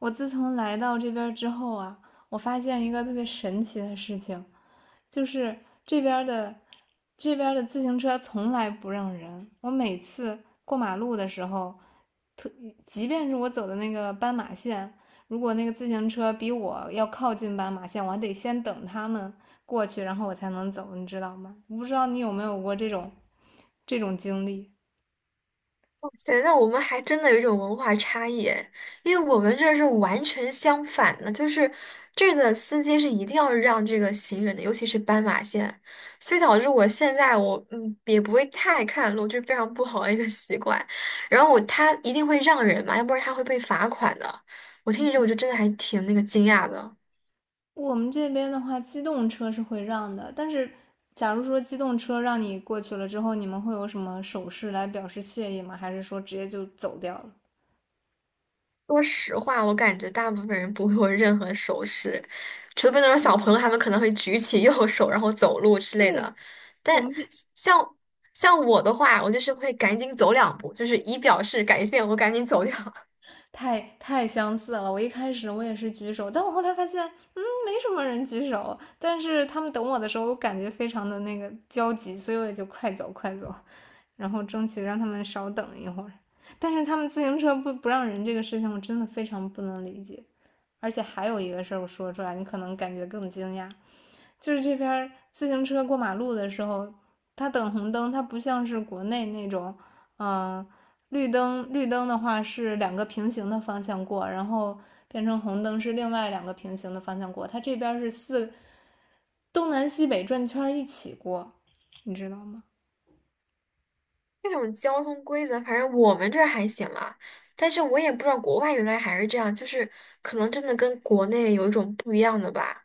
我自从来到这边之后啊，我发现一个特别神奇的事情，就是这边的这边的自行车从来不让人。我每次过马路的时候，即便是我走的那个斑马线，如果那个自行车比我要靠近斑马线，我还得先等他们过去，然后我才能走，你知道吗？我不知道你有没有过这种经历。哇塞，那我们还真的有一种文化差异诶，因为我们这是完全相反的，就是这个司机是一定要让这个行人的，尤其是斑马线，所以导致我现在也不会太看路，就是非常不好的一个习惯。然后他一定会让人嘛，要不然他会被罚款的。我听你这，我就真的还挺那个惊讶的。我们这边的话，机动车是会让的，但是假如说机动车让你过去了之后，你们会有什么手势来表示谢意吗？还是说直接就走掉了？说实话，我感觉大部分人不会有任何手势，除非那种小朋嗯。友，他们可能会举起 右手然后走路之类的。对，我但们这像像我的话，我就是会赶紧走两步，就是以表示感谢，我赶紧走掉。太相似了。我一开始也是举手，但我后来发现，没什么人举手。但是他们等我的时候，我感觉非常的那个焦急，所以我也就快走快走，然后争取让他们少等一会儿。但是他们自行车不让人这个事情，我真的非常不能理解。而且还有一个事儿，我说出来你可能感觉更惊讶，就是这边自行车过马路的时候，它等红灯，它不像是国内那种，嗯、呃绿灯绿灯的话是两个平行的方向过，然后变成红灯是另外两个平行的方向过，它这边是四东南西北转圈一起过，你知道吗？这种交通规则，反正我们这儿还行啦，但是我也不知道国外原来还是这样，就是可能真的跟国内有一种不一样的吧。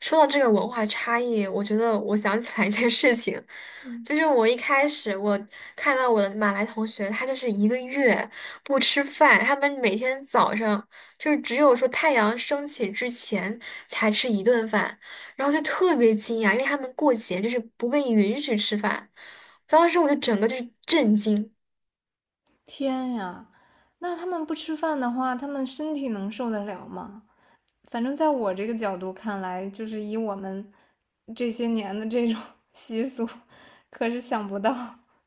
说到这个文化差异，我觉得我想起来一件事情。我一开始看到我的马来同学，他就是一个月不吃饭，他们每天早上就是只有说太阳升起之前才吃一顿饭，然后就特别惊讶，因为他们过节就是不被允许吃饭，当时我就整个就是震惊。天呀，那他们不吃饭的话，他们身体能受得了吗？反正在我这个角度看来，就是以我们这些年的这种 习俗，可是想不到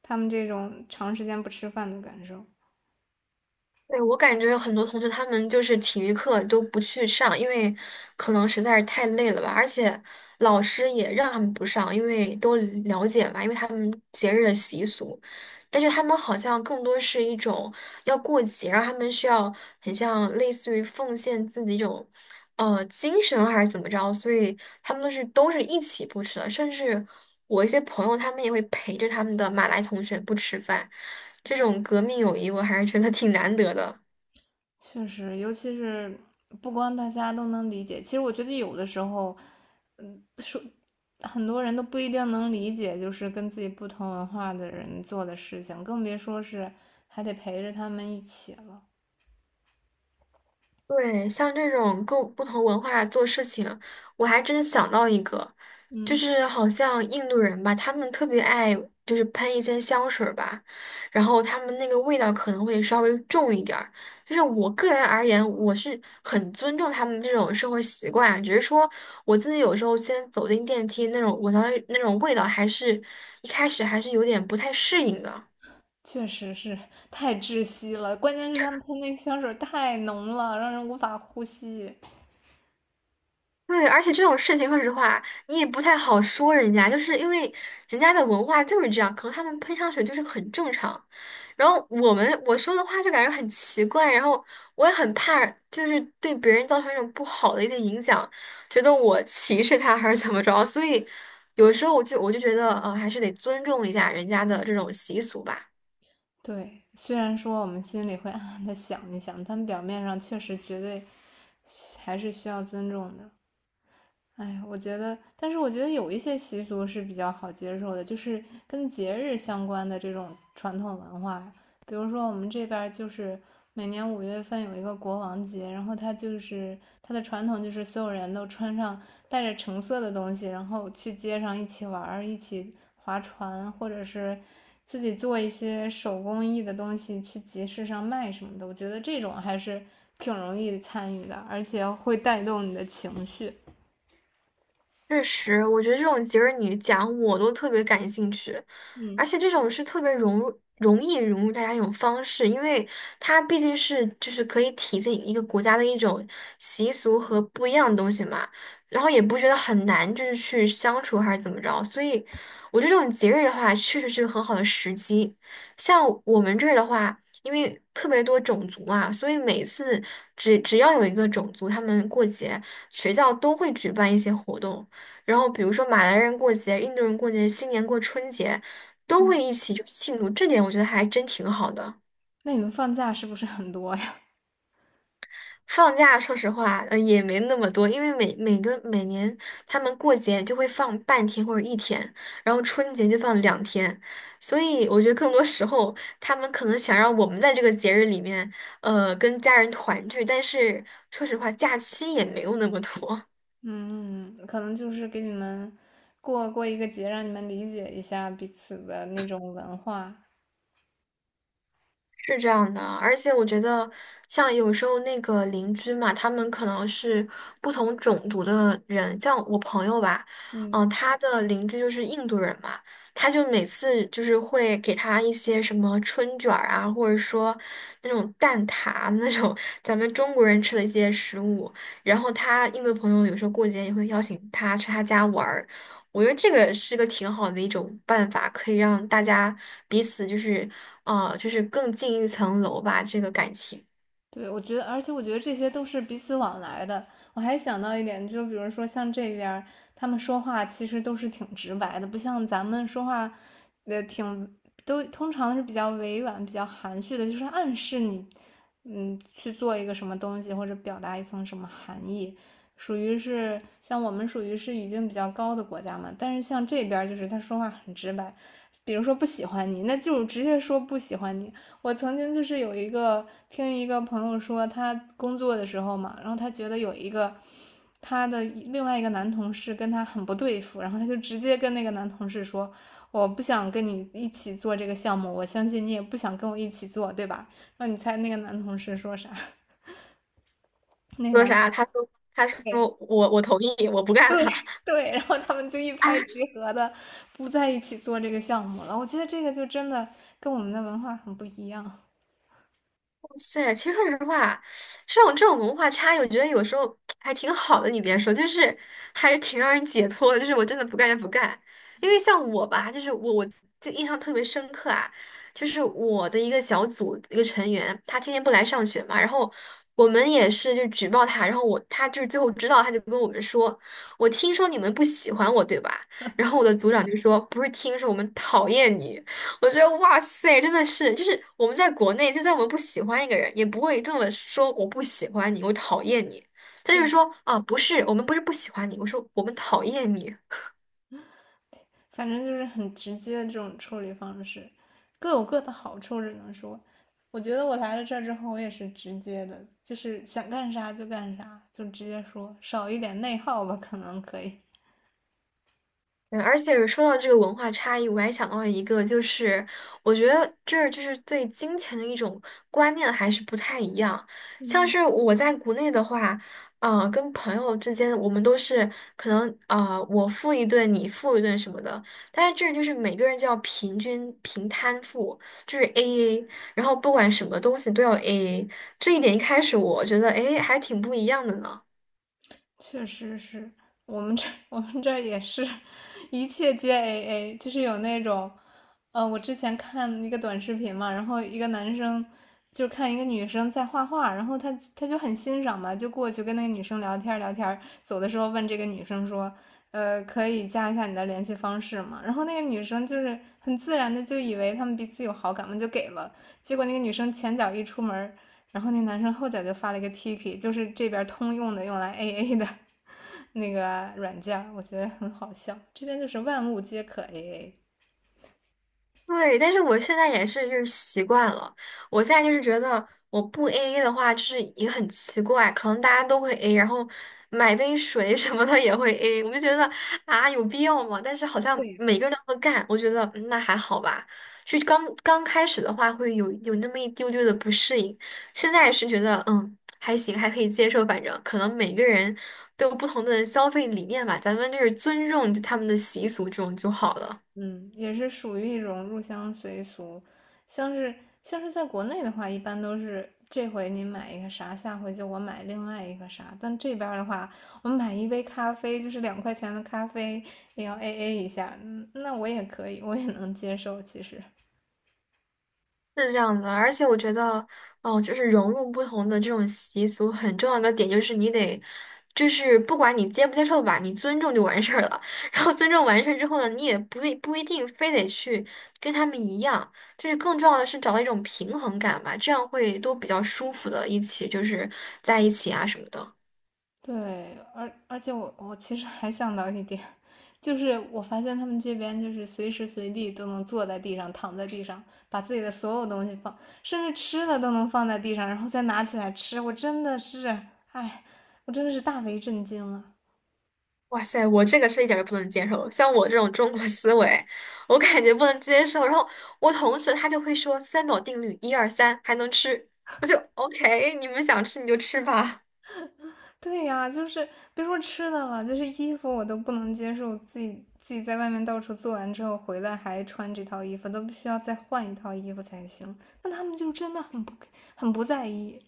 他们这种长时间不吃饭的感受。对，我感觉很多同学他们就是体育课都不去上，因为可能实在是太累了吧，而且老师也让他们不上，因为都了解嘛，因为他们节日的习俗。但是他们好像更多是一种要过节，然后他们需要很像类似于奉献自己一种，精神啊还是怎么着，所以他们都是一起不吃的，甚至我一些朋友他们也会陪着他们的马来同学不吃饭，这种革命友谊我还是觉得挺难得的。确实，尤其是不光大家都能理解，其实我觉得有的时候很多人都不一定能理解，就是跟自己不同文化的人做的事情，更别说是还得陪着他们一起了。对，像这种各不同文化做事情，我还真想到一个，就嗯，是好像印度人吧，他们特别爱就是喷一些香水儿吧，然后他们那个味道可能会稍微重一点儿。就是我个人而言，我是很尊重他们这种生活习惯啊，只是说我自己有时候先走进电梯那种闻到那种味道，还是一开始还是有点不太适应的。确实是太窒息了，关键是他们喷那个香水太浓了，让人无法呼吸。对，而且这种事情，说实话，你也不太好说人家，就是因为人家的文化就是这样，可能他们喷香水就是很正常。然后我说的话就感觉很奇怪，然后我也很怕，就是对别人造成一种不好的一些影响，觉得我歧视他还是怎么着，所以有时候我就觉得，还是得尊重一下人家的这种习俗吧。对，虽然说我们心里会 暗暗的想一想，但表面上确实绝对还是需要尊重的。哎，我觉得，但是我觉得有一些习俗是比较好接受的，就是跟节日相关的这种传统文化。比如说，我们这边儿就是每年五月份有一个国王节，然后它就是它的传统就是所有人都穿上带着橙色的东西，然后去街上一起玩儿，一起划船，或者是自己做一些手工艺的东西去集市上卖什么的。我觉得这种还是挺容易参与的，而且会带动你的情绪。确实，我觉得这种节日你讲我都特别感兴趣，而嗯。且这种是特别融入、容易融入大家一种方式，因为它毕竟是就是可以体现一个国家的一种习俗和不一样的东西嘛，然后也不觉得很难，就是去相处还是怎么着，所以我觉得这种节日的话，确实是个很好的时机。像我们这儿的话，因为特别多种族嘛，所以每次只要有一个种族他们过节。学校都会举办一些活动，然后比如说马来人过节、印度人过节、新年过春节，都嗯，会一起就庆祝，这点我觉得还真挺好的。那你们放假是不是很多呀？放假说实话，也没那么多，因为每年他们过节就会放半天或者一天，然后春节就放两天，所以我觉得更多时候他们可能想让我们在这个节日里面，跟家人团聚，但是说实话，假期也没有那么多。嗯，可能就是给你们过一个节，让你们理解一下彼此的那种文化。是这样的，而且我觉得，像有时候那个邻居嘛，他们可能是不同种族的人，像我朋友吧，嗯。他的邻居就是印度人嘛，他就每次就是会给他一些什么春卷儿啊，或者说那种蛋挞那种 咱们中国人吃的一些食物，然后他印度朋友有时候过节也会邀请他去他家玩儿，我觉得这个是个挺好的一种办法，可以让大家彼此就是就是更进一层楼吧，这个感情。对，我觉得，而且我觉得这些都是彼此往来的。我还想到一点，就比如说像这边儿他们说话其实都是挺直白的，不像咱们说话，呃，挺都通常是比较委婉、比较含蓄的，就是暗示你，嗯，去做一个什么东西或者表达一层什么含义，属于是像我们属于是语境比较高的国家嘛。但是像这边儿就是他说话很直白，比如说不喜欢你，那就直接说不喜欢你。我曾经就是有一个听一个朋友说，他工作的时候嘛，然后他觉得有一个他的另外一个男同事跟他很不对付，然后他就直接跟那个男同事说："我不想跟你一起做这个项目，我相信你也不想跟我一起做，对吧？"然后你猜那个男同事说啥？那个说男同啥？事，他说，他对说我同意，我不干对了。对，然后他们就一拍即合的不在一起做这个项目了。我觉得这个就真的跟我们的文化很不一样。塞，其实说实话，这种文化差异，我觉得有时候 还挺好的。你别说，就是还挺让人解脱的。就是我真的不干就不干，因为像我吧，就是我记印象特别深刻啊，就是我的一个小组一个成员，他天天不来上学嘛，然后我们也是就举报他，然后我他就是最后知道，他就跟我们说，我听说你们不喜欢我，对吧？然后我的组长就说，不是听说，我们讨厌你。我觉得哇塞，真的是，就是我们在国内，就算我们不喜欢一个人，也不会这么说我不喜欢你，我讨厌你。他就是对，说啊，不是，我们不是不喜欢你，我说我们讨厌你。反正就是很直接的这种处理方式，各有各的好处，只能说，我觉得我来了这儿之后，我也是直接的，就是想干啥就干啥，就直接说，少一点内耗吧，可能可以。嗯，而且说到这个文化差异，我还想到了一个，就是我觉得这儿就是对金钱的一种观念还是不太一样。像是我在国内的话，跟朋友之间，我们都是可能我付一顿，你付一顿什么的。但是这儿就是每个人就要平均平摊付，就是 AA，然后不管什么东西都要 AA。这一点一开始我觉得，哎，还挺不一样的呢。确实是我们这 我们这儿也是，一切皆 AA,就是有那种，我之前看一个短视频嘛，然后一个男生就看一个女生在画画，然后他就很欣赏嘛，就过去跟那个女生聊天儿聊天儿走的时候问这个女生说，呃，可以加一下你的联系方式吗？然后那个女生就是很自然的就以为他们彼此有好感嘛，就给了，结果那个女生前脚一出门然后那男生后脚就发了一个 Tiki,就是这边通用的用来 AA 的那个软件我觉得很好笑。这边就是万物皆可 AA,对，但是我现在也是就是习惯了，我现在就是觉得我不 AA 的话，就是也很奇怪，可能大家都会 A，然后买杯水 什么的也会 A，我就觉得啊有必要吗？但是好像对，每个人都会干，我觉得嗯那还好吧。就刚刚开始的话会有那么一丢丢的不适应，现在是觉得嗯还行，还可以接受，反正可能每个人都有不同的消费理念吧，咱们就是尊重就他们的习俗这种就好了。嗯，也是属于一种入乡随俗。像是像是在国内的话，一般都是这回你买一个啥，下回就我买另外一个啥。但这边的话，我买一杯咖啡，就是两块钱的咖啡，也要 AA 一下。嗯，那我也可以，我也能接受，其实。是这样的，而且我觉得，哦，就是融入不同的这种习俗，很重要的点就是你得，就是不管你接不接受吧，你尊重就完事儿了。然后尊重完事儿之后呢，你也不一定非得去跟他们一样，就是更重要的是找到一种平衡感吧，这样会都比较舒服的，一起就是在一起啊什么的。对，而且我其实还想到一点，就是我发现他们这边就是随时随地都能坐在地上、躺在地上，把自己的所有东西放，甚至吃的都能放在地上，然后再拿起来吃。我真的是，哎，我真的是大为震惊了。哇塞，我这个是一点儿都不能接受。像我这种中国思维，我感觉不能接受。然后我同事他就会说三秒定律，一二三，还能吃。我就 OK，你们想吃你就吃吧。对呀，就是别说吃的了，就是衣服我都不能接受，自己在外面到处做完之后回来还穿这套衣服，都必须要再换一套衣服才行。那他们就真的很不在意，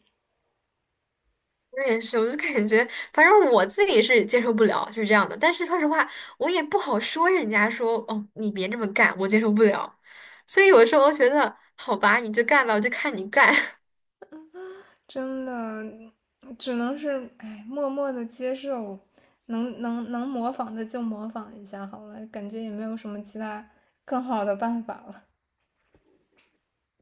我也是，我就感觉，反正我自己是接受不了，是这样的。但是说实话，我也不好说人家说哦，你别这么干，我接受不了。所以有时候我觉得，好吧，你就干吧，我就看你干。真的。只能是哎，默默的接受，能模仿的就模仿一下好了，感觉也没有什么其他更好的办法了。